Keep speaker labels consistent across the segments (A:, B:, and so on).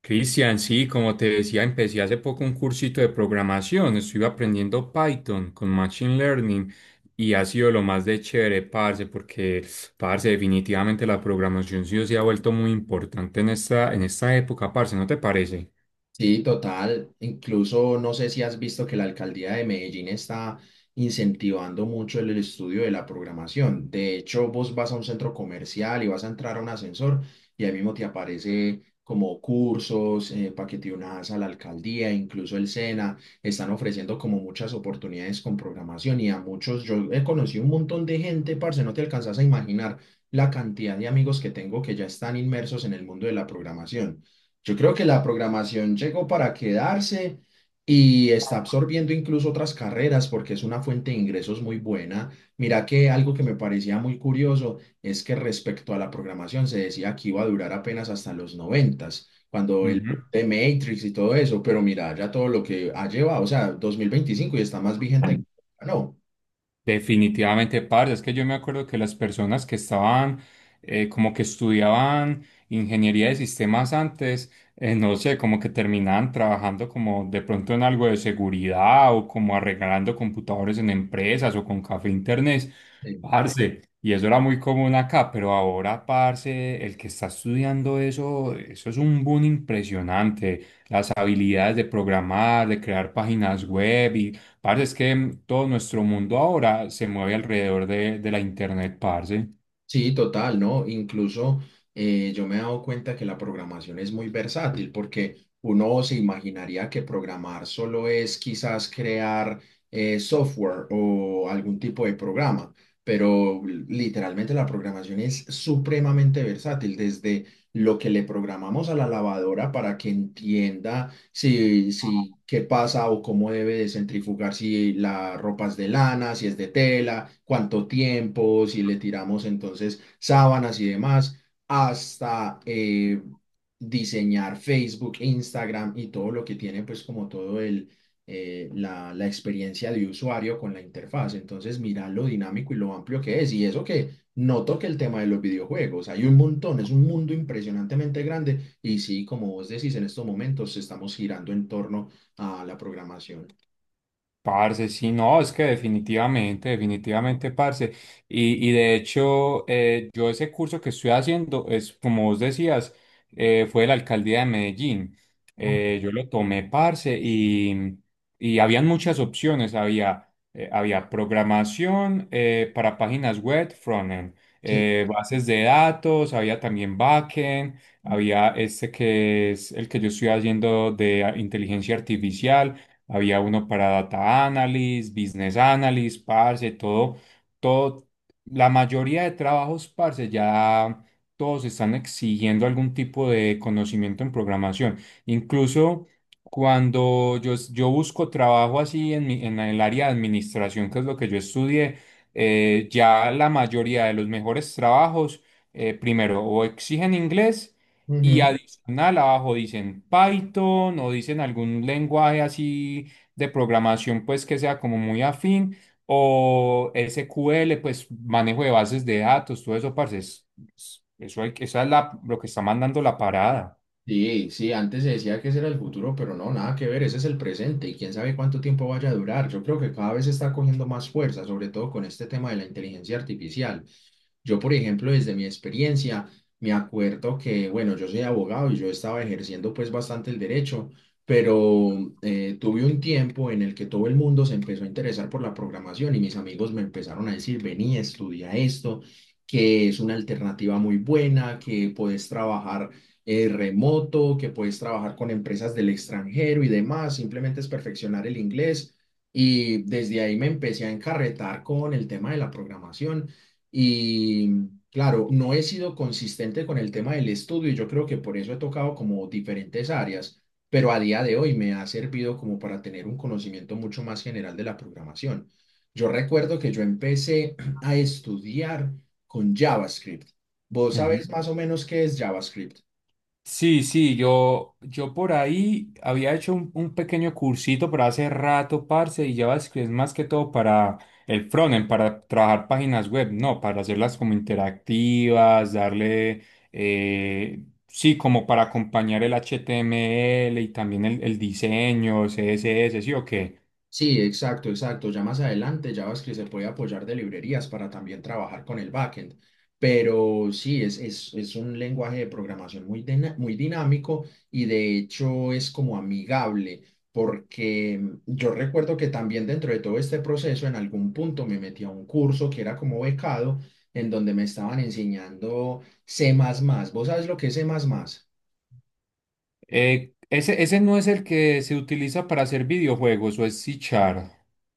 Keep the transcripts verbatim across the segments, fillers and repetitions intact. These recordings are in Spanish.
A: Cristian, sí, como te decía, empecé hace poco un cursito de programación. Estuve aprendiendo Python con Machine Learning y ha sido lo más de chévere, parce, porque, parce, definitivamente la programación sí se ha vuelto muy importante en esta, en esta época, parce, ¿no te parece?
B: Sí, total. Incluso no sé si has visto que la alcaldía de Medellín está incentivando mucho el estudio de la programación. De hecho, vos vas a un centro comercial y vas a entrar a un ascensor y ahí mismo te aparece como cursos, eh, para que te unas a la alcaldía, incluso el SENA, están ofreciendo como muchas oportunidades con programación y a muchos, yo he conocido un montón de gente, parce, no te alcanzas a imaginar la cantidad de amigos que tengo que ya están inmersos en el mundo de la programación. Yo creo que la programación llegó para quedarse y está absorbiendo incluso otras carreras porque es una fuente de ingresos muy buena. Mira que algo que me parecía muy curioso es que respecto a la programación se decía que iba a durar apenas hasta los noventas, cuando el
A: Ujú.
B: boom de Matrix y todo eso, pero mira ya todo lo que ha llevado, o sea, dos mil veinticinco y está más vigente que nunca, ¿no?
A: Definitivamente, parce, es que yo me acuerdo que las personas que estaban eh, como que estudiaban ingeniería de sistemas antes, eh, no sé, como que terminaban trabajando como de pronto en algo de seguridad o como arreglando computadores en empresas o con café e internet, parce, y eso era muy común acá, pero ahora, parce, el que está estudiando eso, eso es un boom impresionante, las habilidades de programar, de crear páginas web. Parce, es que mm, todo nuestro mundo ahora se mueve alrededor de, de la internet, parce.
B: Sí, total, ¿no? Incluso eh, yo me he dado cuenta que la programación es muy versátil porque uno se imaginaría que programar solo es quizás crear eh, software o algún tipo de programa, pero literalmente la programación es supremamente versátil, desde lo que le programamos a la lavadora para que entienda si, si qué pasa o cómo debe de centrifugar, si la ropa es de lana, si es de tela, cuánto tiempo, si le tiramos entonces sábanas y demás, hasta eh, diseñar Facebook, Instagram y todo lo que tiene pues como todo el... eh, la, la experiencia de usuario con la interfaz. Entonces, mira lo dinámico y lo amplio que es. Y eso que noto que el tema de los videojuegos, hay un montón, es un mundo impresionantemente grande y sí, como vos decís, en estos momentos estamos girando en torno a la programación.
A: Parce, sí, no, es que definitivamente, definitivamente, parce. Y, y de hecho, eh, yo ese curso que estoy haciendo es, como vos decías, eh, fue de la alcaldía de Medellín. Eh, yo lo tomé, parce, y, y habían muchas opciones. Había, eh, había programación eh, para páginas web, frontend,
B: Sí.
A: eh, bases de datos, había también backend, había este que es el que yo estoy haciendo de ah, inteligencia artificial, había uno para data analysis, business analysis, parce, todo, todo, la mayoría de trabajos, parce, ya todos están exigiendo algún tipo de conocimiento en programación. Incluso cuando yo, yo busco trabajo así en mi- en el área de administración, que es lo que yo estudié, eh, ya la mayoría de los mejores trabajos, eh, primero, o exigen inglés, y, canal abajo dicen Python o dicen algún lenguaje así de programación pues que sea como muy afín o ese cu ele, pues manejo de bases de datos, todo eso parce, es- es- eso hay que- esa es la, lo que está mandando la parada.
B: Sí, sí, antes se decía que ese era el futuro, pero no, nada que ver, ese es el presente y quién sabe cuánto tiempo vaya a durar. Yo creo que cada vez está cogiendo más fuerza, sobre todo con este tema de la inteligencia artificial. Yo, por ejemplo, desde mi experiencia, me acuerdo que, bueno, yo soy abogado y yo estaba ejerciendo pues bastante el derecho, pero eh, tuve un tiempo en el que todo el mundo se empezó a interesar por la programación y mis amigos me empezaron a decir, vení, estudia esto, que es una alternativa muy buena, que puedes trabajar eh, remoto, que puedes trabajar con empresas del extranjero y demás, simplemente es perfeccionar el inglés. Y desde ahí me empecé a encarretar con el tema de la programación. Y claro, no he sido consistente con el tema del estudio y yo creo que por eso he tocado como diferentes áreas, pero a día de hoy me ha servido como para tener un conocimiento mucho más general de la programación. Yo recuerdo que yo empecé a estudiar con JavaScript. ¿Vos
A: Ujú.
B: sabés más o menos qué es JavaScript?
A: Sí, sí, yo, yo por ahí había hecho un, un pequeño cursito, pero hace rato, parce, y ya es que es más que todo para el frontend, para trabajar páginas web, no, para hacerlas como interactivas, darle, eh, sí, como para acompañar el hache te eme ele y también el, el diseño, ce ese ese, sí o qué.
B: Sí, exacto, exacto. Ya más adelante JavaScript se puede apoyar de librerías para también trabajar con el backend. Pero sí, es, es, es un lenguaje de programación muy, dina- muy dinámico y de hecho es como amigable, porque yo recuerdo que también dentro de todo este proceso en algún punto me metí a un curso que era como becado, en donde me estaban enseñando C++. ¿Vos sabes lo que es C++?
A: Eh, ese, ese no es el que se utiliza para hacer videojuegos, o es c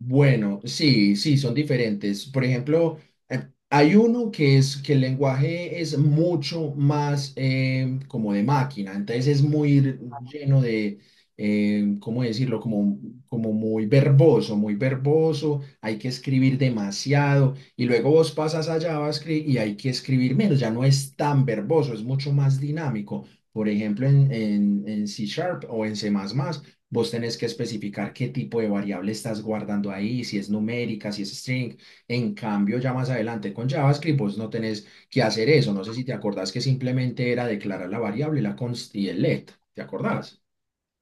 B: Bueno, sí, sí, son diferentes. Por ejemplo, eh, hay uno que es que el lenguaje es mucho más eh, como de máquina, entonces es muy r- lleno de, eh, ¿cómo decirlo? Como, como muy verboso, muy verboso, hay que escribir demasiado y luego vos pasas a JavaScript y hay que escribir menos, ya no es tan verboso, es mucho más dinámico. Por ejemplo, en, en, en C Sharp o en C++. Vos tenés que especificar qué tipo de variable estás guardando ahí, si es numérica, si es string. En cambio, ya más adelante con JavaScript, vos no tenés que hacer eso. No sé si te acordás que simplemente era declarar la variable, la const y el let. ¿Te acordás?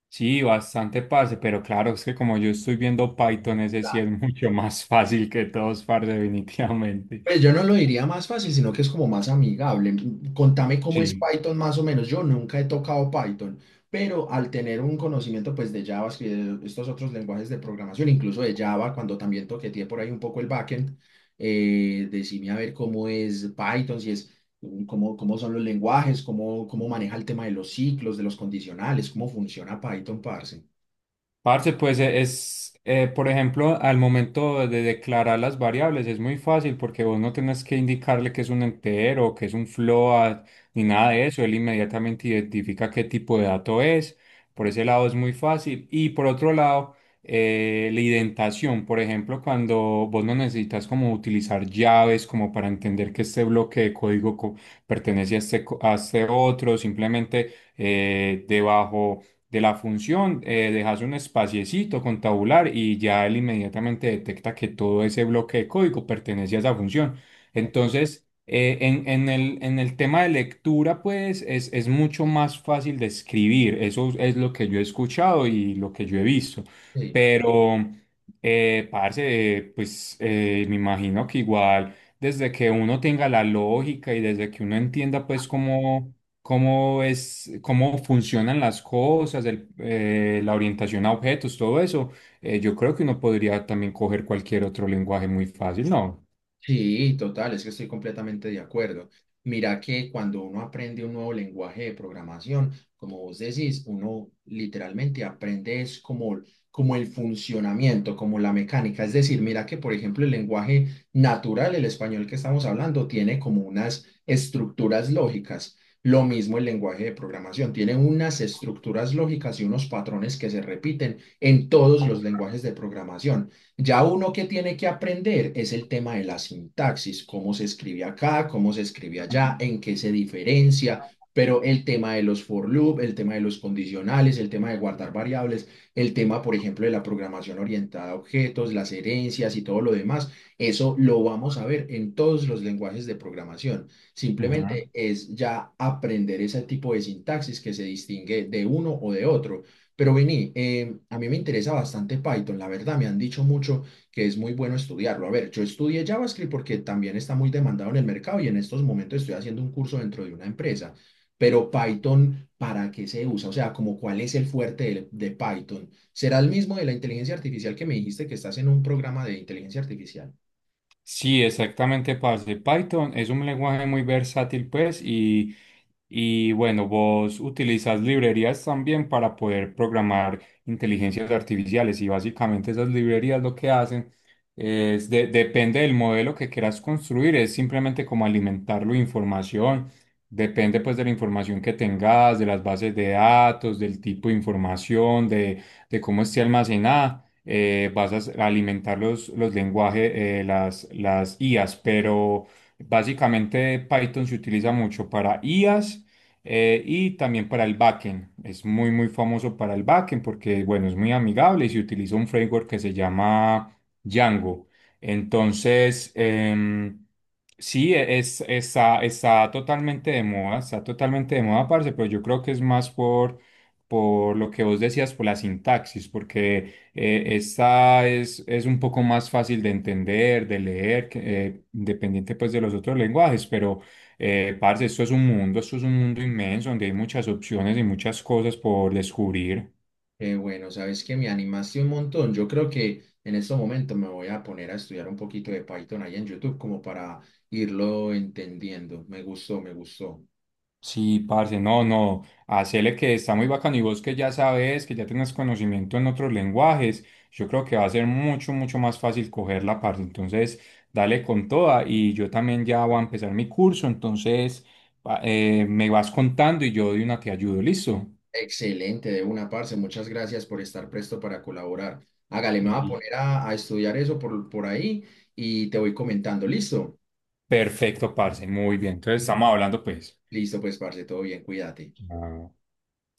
A: Sí, bastante parce, pero claro, es que como yo estoy viendo Python, ese sí es mucho más fácil que todos, parce, definitivamente.
B: Pues yo no lo diría más fácil, sino que es como más amigable. Mm, Contame cómo es
A: Sí.
B: Python más o menos. Yo nunca he tocado Python, pero al tener un conocimiento pues de JavaScript, de estos otros lenguajes de programación, incluso de Java, cuando también toqueteé por ahí un poco el backend, eh, decime a ver cómo es Python, si es mm, cómo, cómo son los lenguajes, cómo, cómo maneja el tema de los ciclos, de los condicionales, cómo funciona Python, parce.
A: Parce, pues e- es, eh, por ejemplo, al momento de declarar las variables es muy fácil porque vos no tenés que indicarle que es un entero, que es un float, ni nada de eso. Él inmediatamente identifica qué tipo de dato es. Por ese lado es muy fácil. Y por otro lado, eh, la indentación, por ejemplo, cuando vos no necesitas como utilizar llaves como para entender que este bloque de código co- pertenece a este, co- a este otro, simplemente eh, debajo de la función, eh, dejas un espaciecito con tabular y ya él inmediatamente detecta que todo ese bloque de código pertenece a esa función. Entonces, eh, en, en el, en el tema de lectura, pues es, es mucho más fácil de escribir. Eso es lo que yo he escuchado y lo que yo he visto.
B: Sí.
A: Pero, eh, parce, eh, pues eh, me imagino que igual, desde que uno tenga la lógica y desde que uno entienda, pues, cómo cómo es, cómo funcionan las cosas, el- eh, la orientación a objetos, todo eso, eh, yo creo que uno podría también coger cualquier otro lenguaje muy fácil, ¿no?
B: Sí, total, es que estoy completamente de acuerdo. Mira que cuando uno aprende un nuevo lenguaje de programación, como vos decís, uno literalmente aprende es como, como el funcionamiento, como la mecánica. Es decir, mira que, por ejemplo, el lenguaje natural, el español que estamos hablando, tiene como unas estructuras lógicas. Lo mismo el lenguaje de programación, tiene unas estructuras lógicas y unos patrones que se repiten en todos los lenguajes de programación. Ya uno que tiene que aprender es el tema de la sintaxis, cómo se escribe acá, cómo se escribe allá, en qué se diferencia, pero el tema de los for loop, el tema de los condicionales, el tema de guardar variables, el tema, por ejemplo, de la programación orientada a objetos, las herencias y todo lo demás, eso lo vamos a ver en todos los lenguajes de programación. Simplemente es ya aprender ese tipo de sintaxis que se distingue de uno o de otro. Pero Vini, eh, a mí me interesa bastante Python, la verdad, me han dicho mucho que es muy bueno estudiarlo. A ver, yo estudié JavaScript porque también está muy demandado en el mercado y en estos momentos estoy haciendo un curso dentro de una empresa. Pero Python, ¿para qué se usa? O sea, como cuál es el fuerte del- de, Python. ¿Será el mismo de la inteligencia artificial que me dijiste que estás en un programa de inteligencia artificial?
A: Sí, exactamente, parce. Python es un lenguaje muy versátil, pues, y, y bueno, vos utilizas librerías también para poder programar inteligencias artificiales y básicamente esas librerías lo que hacen es, de- depende del modelo que quieras construir, es simplemente como alimentarlo de información, depende pues de la información que tengas, de las bases de datos, del tipo de información, de, de cómo esté almacenada, eh, vas a s- alimentar los, los lenguajes, eh, las, las i aes, pero básicamente Python se utiliza mucho para i aes, eh, y también para el backend. Es muy, muy famoso para el backend porque, bueno, es muy amigable y se utiliza un framework que se llama Django. Entonces, em, sí, e-, es, está, está totalmente de moda, está totalmente de moda, parce, pero yo creo que es más por, por lo que vos decías, por la sintaxis, porque eh, esta es, es un poco más fácil de entender, de leer, que, eh, independiente pues de los otros lenguajes, pero eh, parce, esto es un mundo, esto es un mundo inmenso donde hay muchas opciones y muchas cosas por descubrir.
B: Qué bueno, sabes que me animaste un montón. Yo creo que en estos momentos me voy a poner a estudiar un poquito de Python ahí en YouTube como para irlo entendiendo. Me gustó, me gustó.
A: Sí, parce, no, no, hacele que está muy bacano y vos que ya sabes, que ya tienes conocimiento en otros lenguajes, yo creo que va a ser mucho, mucho más fácil cogerla, parce. Entonces, dale con toda y yo también ya voy a empezar mi curso, entonces pa- eh, me vas contando y yo de una te ayudo, ¿listo?
B: Excelente, de una parce. Muchas gracias por estar presto para colaborar. Hágale, me voy a
A: Y-
B: poner a, a estudiar eso por, por ahí y te voy comentando. ¿Listo?
A: Perfecto, parce, muy bien. Entonces, estamos hablando, pues.
B: Listo, pues, parce, todo bien, cuídate.
A: Ah.